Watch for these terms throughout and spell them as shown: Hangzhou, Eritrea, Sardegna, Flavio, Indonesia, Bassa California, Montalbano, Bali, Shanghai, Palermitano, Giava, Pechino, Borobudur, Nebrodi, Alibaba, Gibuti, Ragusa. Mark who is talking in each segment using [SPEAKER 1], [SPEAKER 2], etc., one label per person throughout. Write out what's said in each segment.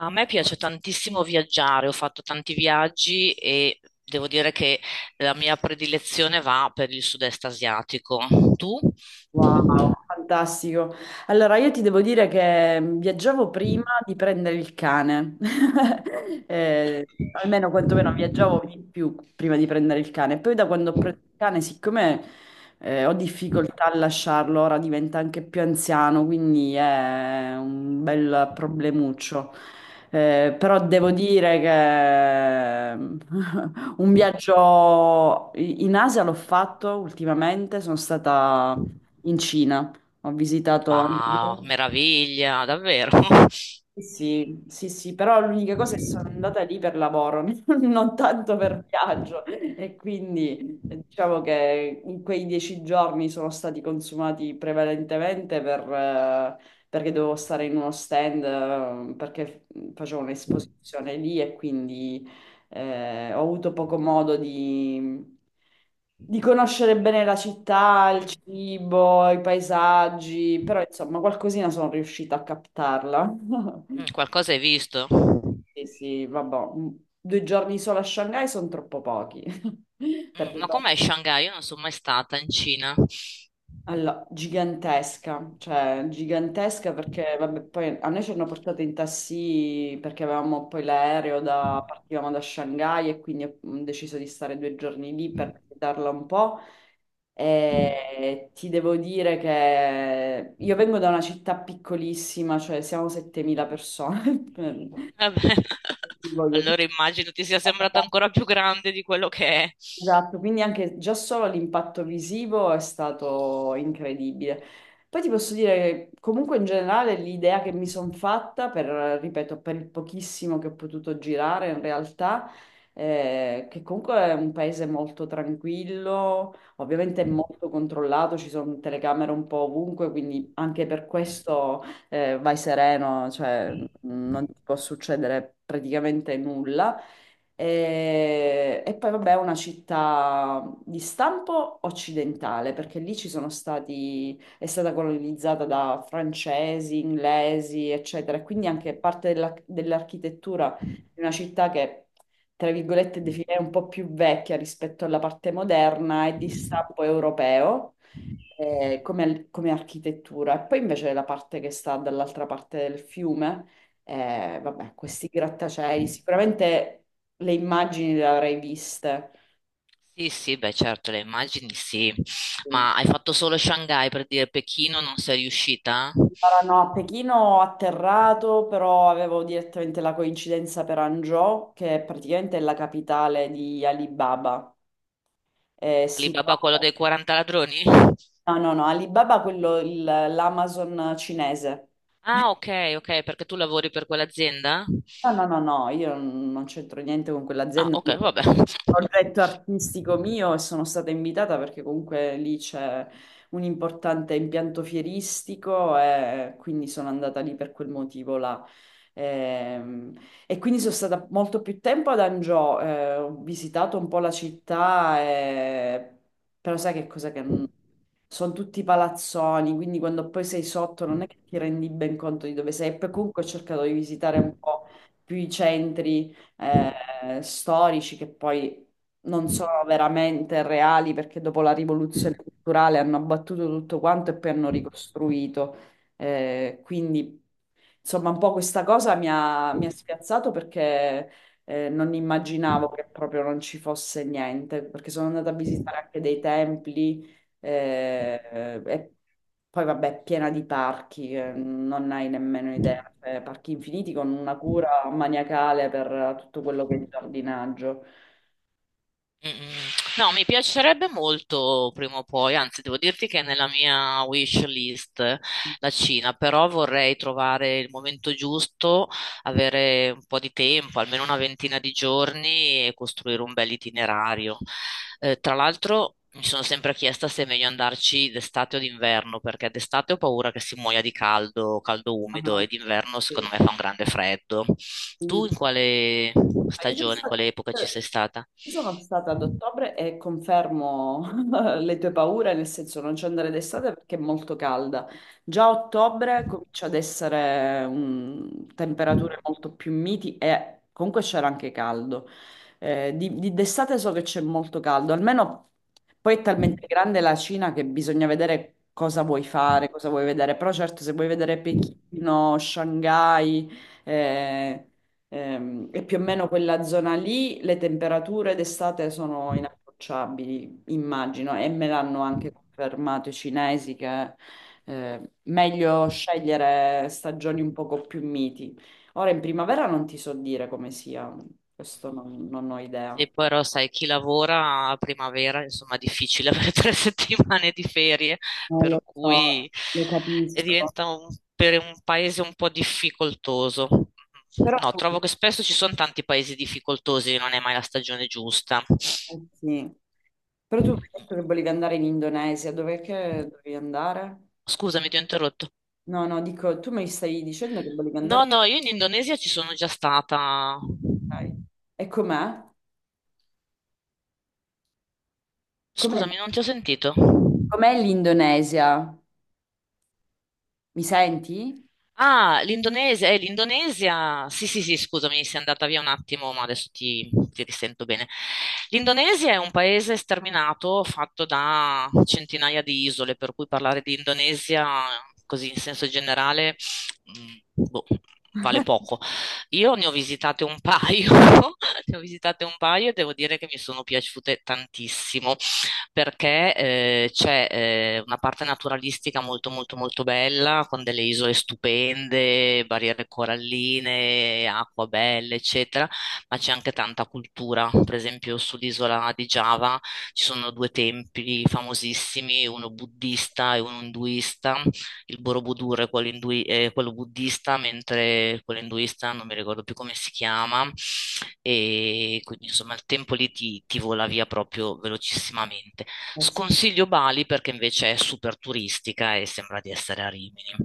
[SPEAKER 1] A me piace tantissimo viaggiare, ho fatto tanti viaggi e devo dire che la mia predilezione va per il sud-est asiatico. Tu?
[SPEAKER 2] Wow, fantastico. Allora, io ti devo dire che viaggiavo prima di prendere il cane. Almeno Quantomeno viaggiavo di più prima di prendere il cane. Poi da quando ho preso il cane, siccome ho difficoltà a lasciarlo, ora diventa anche più anziano, quindi è un bel problemuccio. Però devo dire che un viaggio in Asia l'ho fatto ultimamente, sono stata in Cina. Ho visitato anche.
[SPEAKER 1] Ma meraviglia, davvero.
[SPEAKER 2] Sì, sì, sì, però l'unica cosa è che sono andata lì per lavoro, non tanto per viaggio. E quindi diciamo che in quei 10 giorni sono stati consumati prevalentemente perché dovevo stare in uno stand, perché facevo un'esposizione lì e quindi ho avuto poco modo di conoscere bene la città, il
[SPEAKER 1] Mm.
[SPEAKER 2] cibo, i paesaggi, però insomma qualcosina sono riuscita a captarla.
[SPEAKER 1] Mm, qualcosa hai visto?
[SPEAKER 2] Sì, sì, vabbè, 2 giorni solo a Shanghai sono troppo pochi.
[SPEAKER 1] Mm,
[SPEAKER 2] Perché
[SPEAKER 1] ma
[SPEAKER 2] no?
[SPEAKER 1] com'è Shanghai? Io non sono mai stata in Cina.
[SPEAKER 2] Allora, gigantesca, cioè gigantesca perché vabbè, poi a noi ci hanno portato in taxi perché avevamo poi l'aereo da, partivamo da Shanghai e quindi ho deciso di stare 2 giorni lì per visitarla un po'. E ti devo dire che io vengo da una città piccolissima, cioè siamo 7.000 persone. per-
[SPEAKER 1] Vabbè.
[SPEAKER 2] Voglio
[SPEAKER 1] Allora immagino ti sia sembrata ancora più grande di quello che è. Sì,
[SPEAKER 2] Esatto, quindi anche già solo l'impatto visivo è stato incredibile. Poi ti posso dire che comunque in generale l'idea che mi sono fatta per, ripeto, per il pochissimo che ho potuto girare in realtà, che comunque è un paese molto tranquillo, ovviamente è molto controllato, ci sono telecamere un po' ovunque, quindi anche per questo vai sereno, cioè non ti può succedere praticamente nulla. E poi vabbè è una città di stampo occidentale, perché lì ci sono stati, è stata colonizzata da francesi, inglesi, eccetera, e quindi anche parte dell'architettura di una città che, tra virgolette, definirei un po' più vecchia rispetto alla parte moderna è di stampo europeo come architettura. E poi invece la parte che sta dall'altra parte del fiume, vabbè, questi grattacieli, sicuramente le immagini le avrei viste.
[SPEAKER 1] sì, beh, certo, le immagini sì.
[SPEAKER 2] Sì.
[SPEAKER 1] Ma hai fatto solo Shanghai per dire Pechino non sei riuscita?
[SPEAKER 2] Erano a Pechino ho atterrato, però avevo direttamente la coincidenza per Hangzhou, che è praticamente la capitale di Alibaba. Eh, si
[SPEAKER 1] Alibaba, quello
[SPEAKER 2] trova-
[SPEAKER 1] dei 40 ladroni?
[SPEAKER 2] No, no, no, Alibaba, quello, l'Amazon cinese.
[SPEAKER 1] Ah, ok, ok, perché tu lavori per quell'azienda?
[SPEAKER 2] No, no, no, no, io non c'entro niente con
[SPEAKER 1] Ah,
[SPEAKER 2] quell'azienda.
[SPEAKER 1] ok,
[SPEAKER 2] Io-
[SPEAKER 1] vabbè.
[SPEAKER 2] Progetto artistico mio e sono stata invitata perché comunque lì c'è un importante impianto fieristico e quindi sono andata lì per quel motivo là. Ehm, quindi sono stata molto più tempo ad Angio, ho visitato un po' la città, però sai che cosa che, non sono tutti palazzoni, quindi quando poi sei sotto non è che ti rendi ben conto di dove sei. E poi comunque ho cercato di visitare un po' più i centri storici che poi non sono veramente reali perché dopo la rivoluzione culturale hanno abbattuto tutto quanto e poi hanno ricostruito. Eh, quindi Insomma, un po' questa cosa mi ha spiazzato perché non immaginavo che proprio non ci fosse niente, perché sono andata a visitare anche dei templi e poi vabbè, è piena di parchi, non hai nemmeno idea, parchi infiniti con una cura maniacale per tutto quello che è il giardinaggio.
[SPEAKER 1] Mm, mm. No, mi piacerebbe molto prima o poi, anzi devo dirti che è nella mia wish list la Cina, però vorrei trovare il momento giusto, avere un po' di tempo, almeno una ventina di giorni e costruire un bel itinerario. Tra l'altro mi sono sempre chiesta se è meglio andarci d'estate o d'inverno, perché d'estate ho paura che si muoia di caldo, caldo
[SPEAKER 2] Ah,
[SPEAKER 1] umido e
[SPEAKER 2] no.
[SPEAKER 1] d'inverno
[SPEAKER 2] Sì,
[SPEAKER 1] secondo me fa un grande freddo. Tu
[SPEAKER 2] sì.
[SPEAKER 1] in quale
[SPEAKER 2] Ma Io sono
[SPEAKER 1] stagione, in
[SPEAKER 2] stata
[SPEAKER 1] quale epoca ci sei
[SPEAKER 2] eh,
[SPEAKER 1] stata?
[SPEAKER 2] io sono stata ad ottobre e confermo le tue paure, nel senso non ci andare d'estate perché è molto calda. Già a ottobre comincia ad essere temperature molto più miti e comunque c'era anche caldo. D'estate so che c'è molto caldo, almeno poi è talmente grande la Cina che bisogna vedere cosa vuoi fare, cosa vuoi vedere. Però certo se vuoi vedere Pechino, Shanghai... eh, e più o meno quella zona lì, le temperature d'estate sono inapprocciabili, immagino, e me l'hanno anche confermato i cinesi che meglio scegliere stagioni un poco più miti. Ora in primavera non ti so dire come sia, questo non ho idea.
[SPEAKER 1] E poi però sai, chi lavora a primavera, insomma, è difficile avere 3 settimane di ferie,
[SPEAKER 2] Non lo
[SPEAKER 1] per
[SPEAKER 2] so,
[SPEAKER 1] cui
[SPEAKER 2] lo
[SPEAKER 1] e
[SPEAKER 2] capisco.
[SPEAKER 1] diventa per un paese un po' difficoltoso.
[SPEAKER 2] Però
[SPEAKER 1] No, trovo
[SPEAKER 2] tu,
[SPEAKER 1] che spesso ci sono tanti paesi difficoltosi, non è mai la stagione giusta.
[SPEAKER 2] eh sì. Però tu mi hai detto che volevi andare in Indonesia, dov'è che dovevi andare?
[SPEAKER 1] Scusami, ti ho interrotto.
[SPEAKER 2] No, no, dico, tu mi stai dicendo che volevi
[SPEAKER 1] No,
[SPEAKER 2] andare.
[SPEAKER 1] no, io in Indonesia ci sono già stata.
[SPEAKER 2] Ok. E com'è? Com'è
[SPEAKER 1] Scusami, non ti ho sentito.
[SPEAKER 2] com'è l'Indonesia? Mi senti?
[SPEAKER 1] Ah, l'Indonesia, sì, sì, sì, scusami, sei andata via un attimo, ma adesso ti risento bene. L'Indonesia è un paese sterminato, fatto da centinaia di isole, per cui parlare di Indonesia, così in senso generale, boh, vale poco. Io ne ho visitate un paio, ne ho visitate un paio e devo dire che mi sono piaciute tantissimo perché c'è una parte naturalistica molto molto molto bella, con delle isole stupende, barriere coralline, acqua belle, eccetera, ma c'è anche tanta cultura. Per esempio sull'isola di Giava ci sono due templi famosissimi, uno buddista e uno induista. Il Borobudur è quello, è quello buddista, mentre quello induista non mi ricordo più come si chiama, e quindi insomma il tempo lì ti vola via proprio velocissimamente.
[SPEAKER 2] Eh sì.
[SPEAKER 1] Sconsiglio Bali perché invece è super turistica e sembra di essere a Rimini.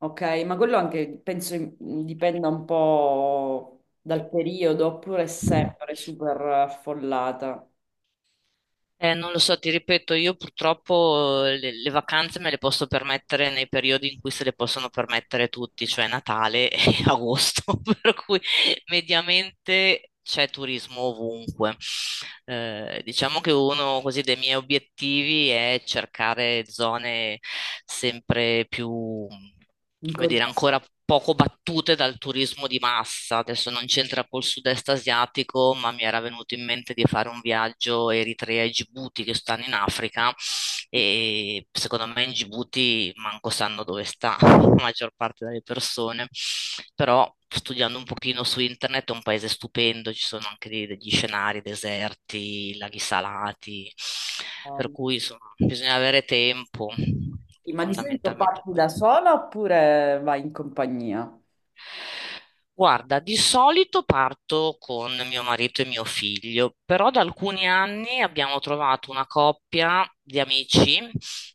[SPEAKER 2] Ok, ma quello anche penso dipenda un po' dal periodo, oppure è sempre super affollata.
[SPEAKER 1] Non lo so, ti ripeto, io purtroppo le vacanze me le posso permettere nei periodi in cui se le possono permettere tutti, cioè Natale e agosto, per cui mediamente c'è turismo ovunque. Diciamo che uno così dei miei obiettivi è cercare zone sempre più,
[SPEAKER 2] In
[SPEAKER 1] come dire,
[SPEAKER 2] compagnia.
[SPEAKER 1] ancora poco battute dal turismo di massa. Adesso non c'entra col sud-est asiatico, ma mi era venuto in mente di fare un viaggio Eritrea e Gibuti che stanno in Africa e secondo me in Gibuti manco sanno dove sta la maggior parte delle persone, però studiando un pochino su internet è un paese stupendo, ci sono anche degli scenari deserti, laghi salati, per cui insomma, bisogna avere tempo,
[SPEAKER 2] Sì, ma di solito
[SPEAKER 1] fondamentalmente
[SPEAKER 2] parti
[SPEAKER 1] quello.
[SPEAKER 2] da sola oppure vai in compagnia?
[SPEAKER 1] Guarda, di solito parto con mio marito e mio figlio, però da alcuni anni abbiamo trovato una coppia di amici,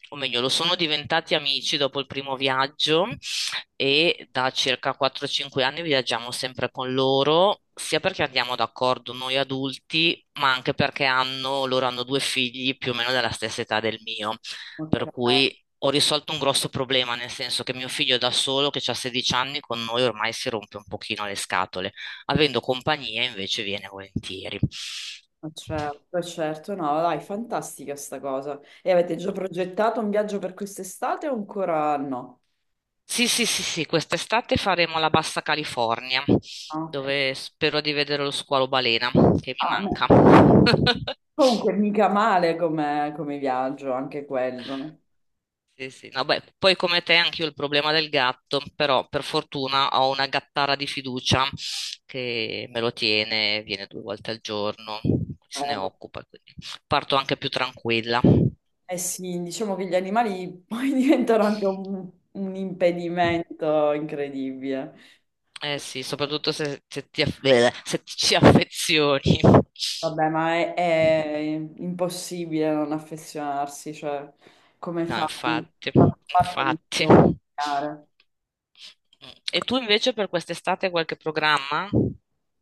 [SPEAKER 1] o meglio, lo sono diventati amici dopo il primo viaggio e da circa 4-5 anni viaggiamo sempre con loro, sia perché andiamo d'accordo noi adulti, ma anche perché loro hanno due figli più o meno della stessa età del mio,
[SPEAKER 2] Ok,
[SPEAKER 1] per cui ho risolto un grosso problema, nel senso che mio figlio da solo, che ha 16 anni, con noi ormai si rompe un pochino le scatole. Avendo compagnia invece viene volentieri.
[SPEAKER 2] ma certo, certo, no, dai, fantastica sta cosa. E avete già progettato un viaggio per quest'estate o ancora no?
[SPEAKER 1] Sì, sì, sì, sì, quest'estate faremo la Bassa California,
[SPEAKER 2] Ah, ok.
[SPEAKER 1] dove spero di vedere lo squalo balena, che mi
[SPEAKER 2] Ah,
[SPEAKER 1] manca.
[SPEAKER 2] no. Comunque, mica male come, come viaggio, anche quello.
[SPEAKER 1] Sì, sì. No, beh, poi come te anche io ho il problema del gatto, però per fortuna ho una gattara di fiducia che me lo tiene, viene due volte al giorno,
[SPEAKER 2] Eh
[SPEAKER 1] se ne occupa, quindi parto anche più tranquilla.
[SPEAKER 2] eh sì, diciamo che gli animali poi diventano anche un impedimento incredibile.
[SPEAKER 1] Eh sì, soprattutto se, ti, se ti ci affezioni.
[SPEAKER 2] Vabbè, ma è impossibile non affezionarsi, cioè, come
[SPEAKER 1] No,
[SPEAKER 2] fai?
[SPEAKER 1] infatti,
[SPEAKER 2] Fa parte di
[SPEAKER 1] infatti. Mm.
[SPEAKER 2] familiare.
[SPEAKER 1] E tu invece per quest'estate hai qualche programma?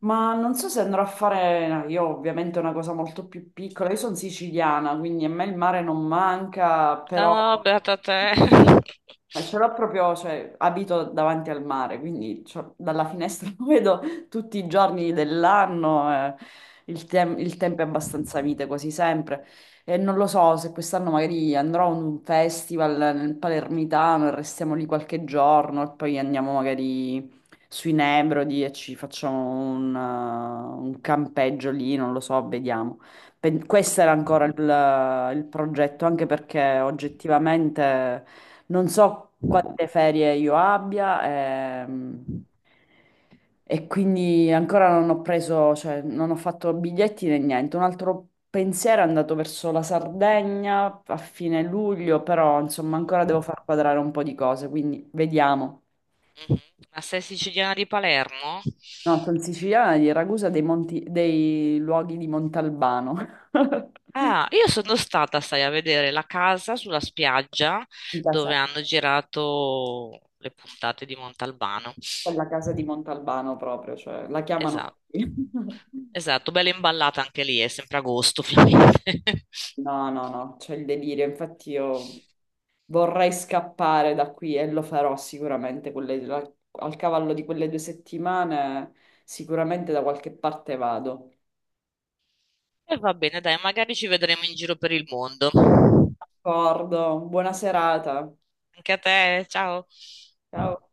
[SPEAKER 2] Ma non so se andrò a fare, no, io ovviamente una cosa molto più piccola, io sono siciliana, quindi a me il mare non manca, però
[SPEAKER 1] Ah, beata te.
[SPEAKER 2] ce l'ho proprio, cioè abito davanti al mare, quindi cioè, dalla finestra lo vedo tutti i giorni dell'anno, il tempo è abbastanza mite quasi sempre e non lo so se quest'anno magari andrò a un festival nel Palermitano e restiamo lì qualche giorno e poi andiamo magari sui Nebrodi e ci facciamo un campeggio lì, non lo so, vediamo. Questo era ancora il progetto, anche perché oggettivamente non so quante ferie io abbia, e quindi ancora non ho preso, cioè non ho fatto biglietti né niente. Un altro pensiero è andato verso la Sardegna a fine luglio, però insomma ancora devo far quadrare un po' di cose, quindi vediamo.
[SPEAKER 1] Mhm. Ma sei siciliana di Palermo?
[SPEAKER 2] No, sono siciliana di Ragusa dei, dei luoghi di Montalbano.
[SPEAKER 1] Ah, io sono stata, sai, a vedere la casa sulla spiaggia
[SPEAKER 2] Da sé,
[SPEAKER 1] dove hanno girato le puntate di Montalbano.
[SPEAKER 2] quella casa di Montalbano proprio, cioè la chiamano
[SPEAKER 1] Esatto.
[SPEAKER 2] così.
[SPEAKER 1] Esatto, bella imballata anche lì, è sempre agosto, ovviamente.
[SPEAKER 2] No, no, no, c'è il delirio. Infatti io vorrei scappare da qui e lo farò sicuramente al cavallo di quelle 2 settimane, sicuramente da qualche parte vado.
[SPEAKER 1] E va bene, dai, magari ci vedremo in giro per il mondo.
[SPEAKER 2] D'accordo, buona serata.
[SPEAKER 1] Anche a te, ciao.
[SPEAKER 2] Ciao.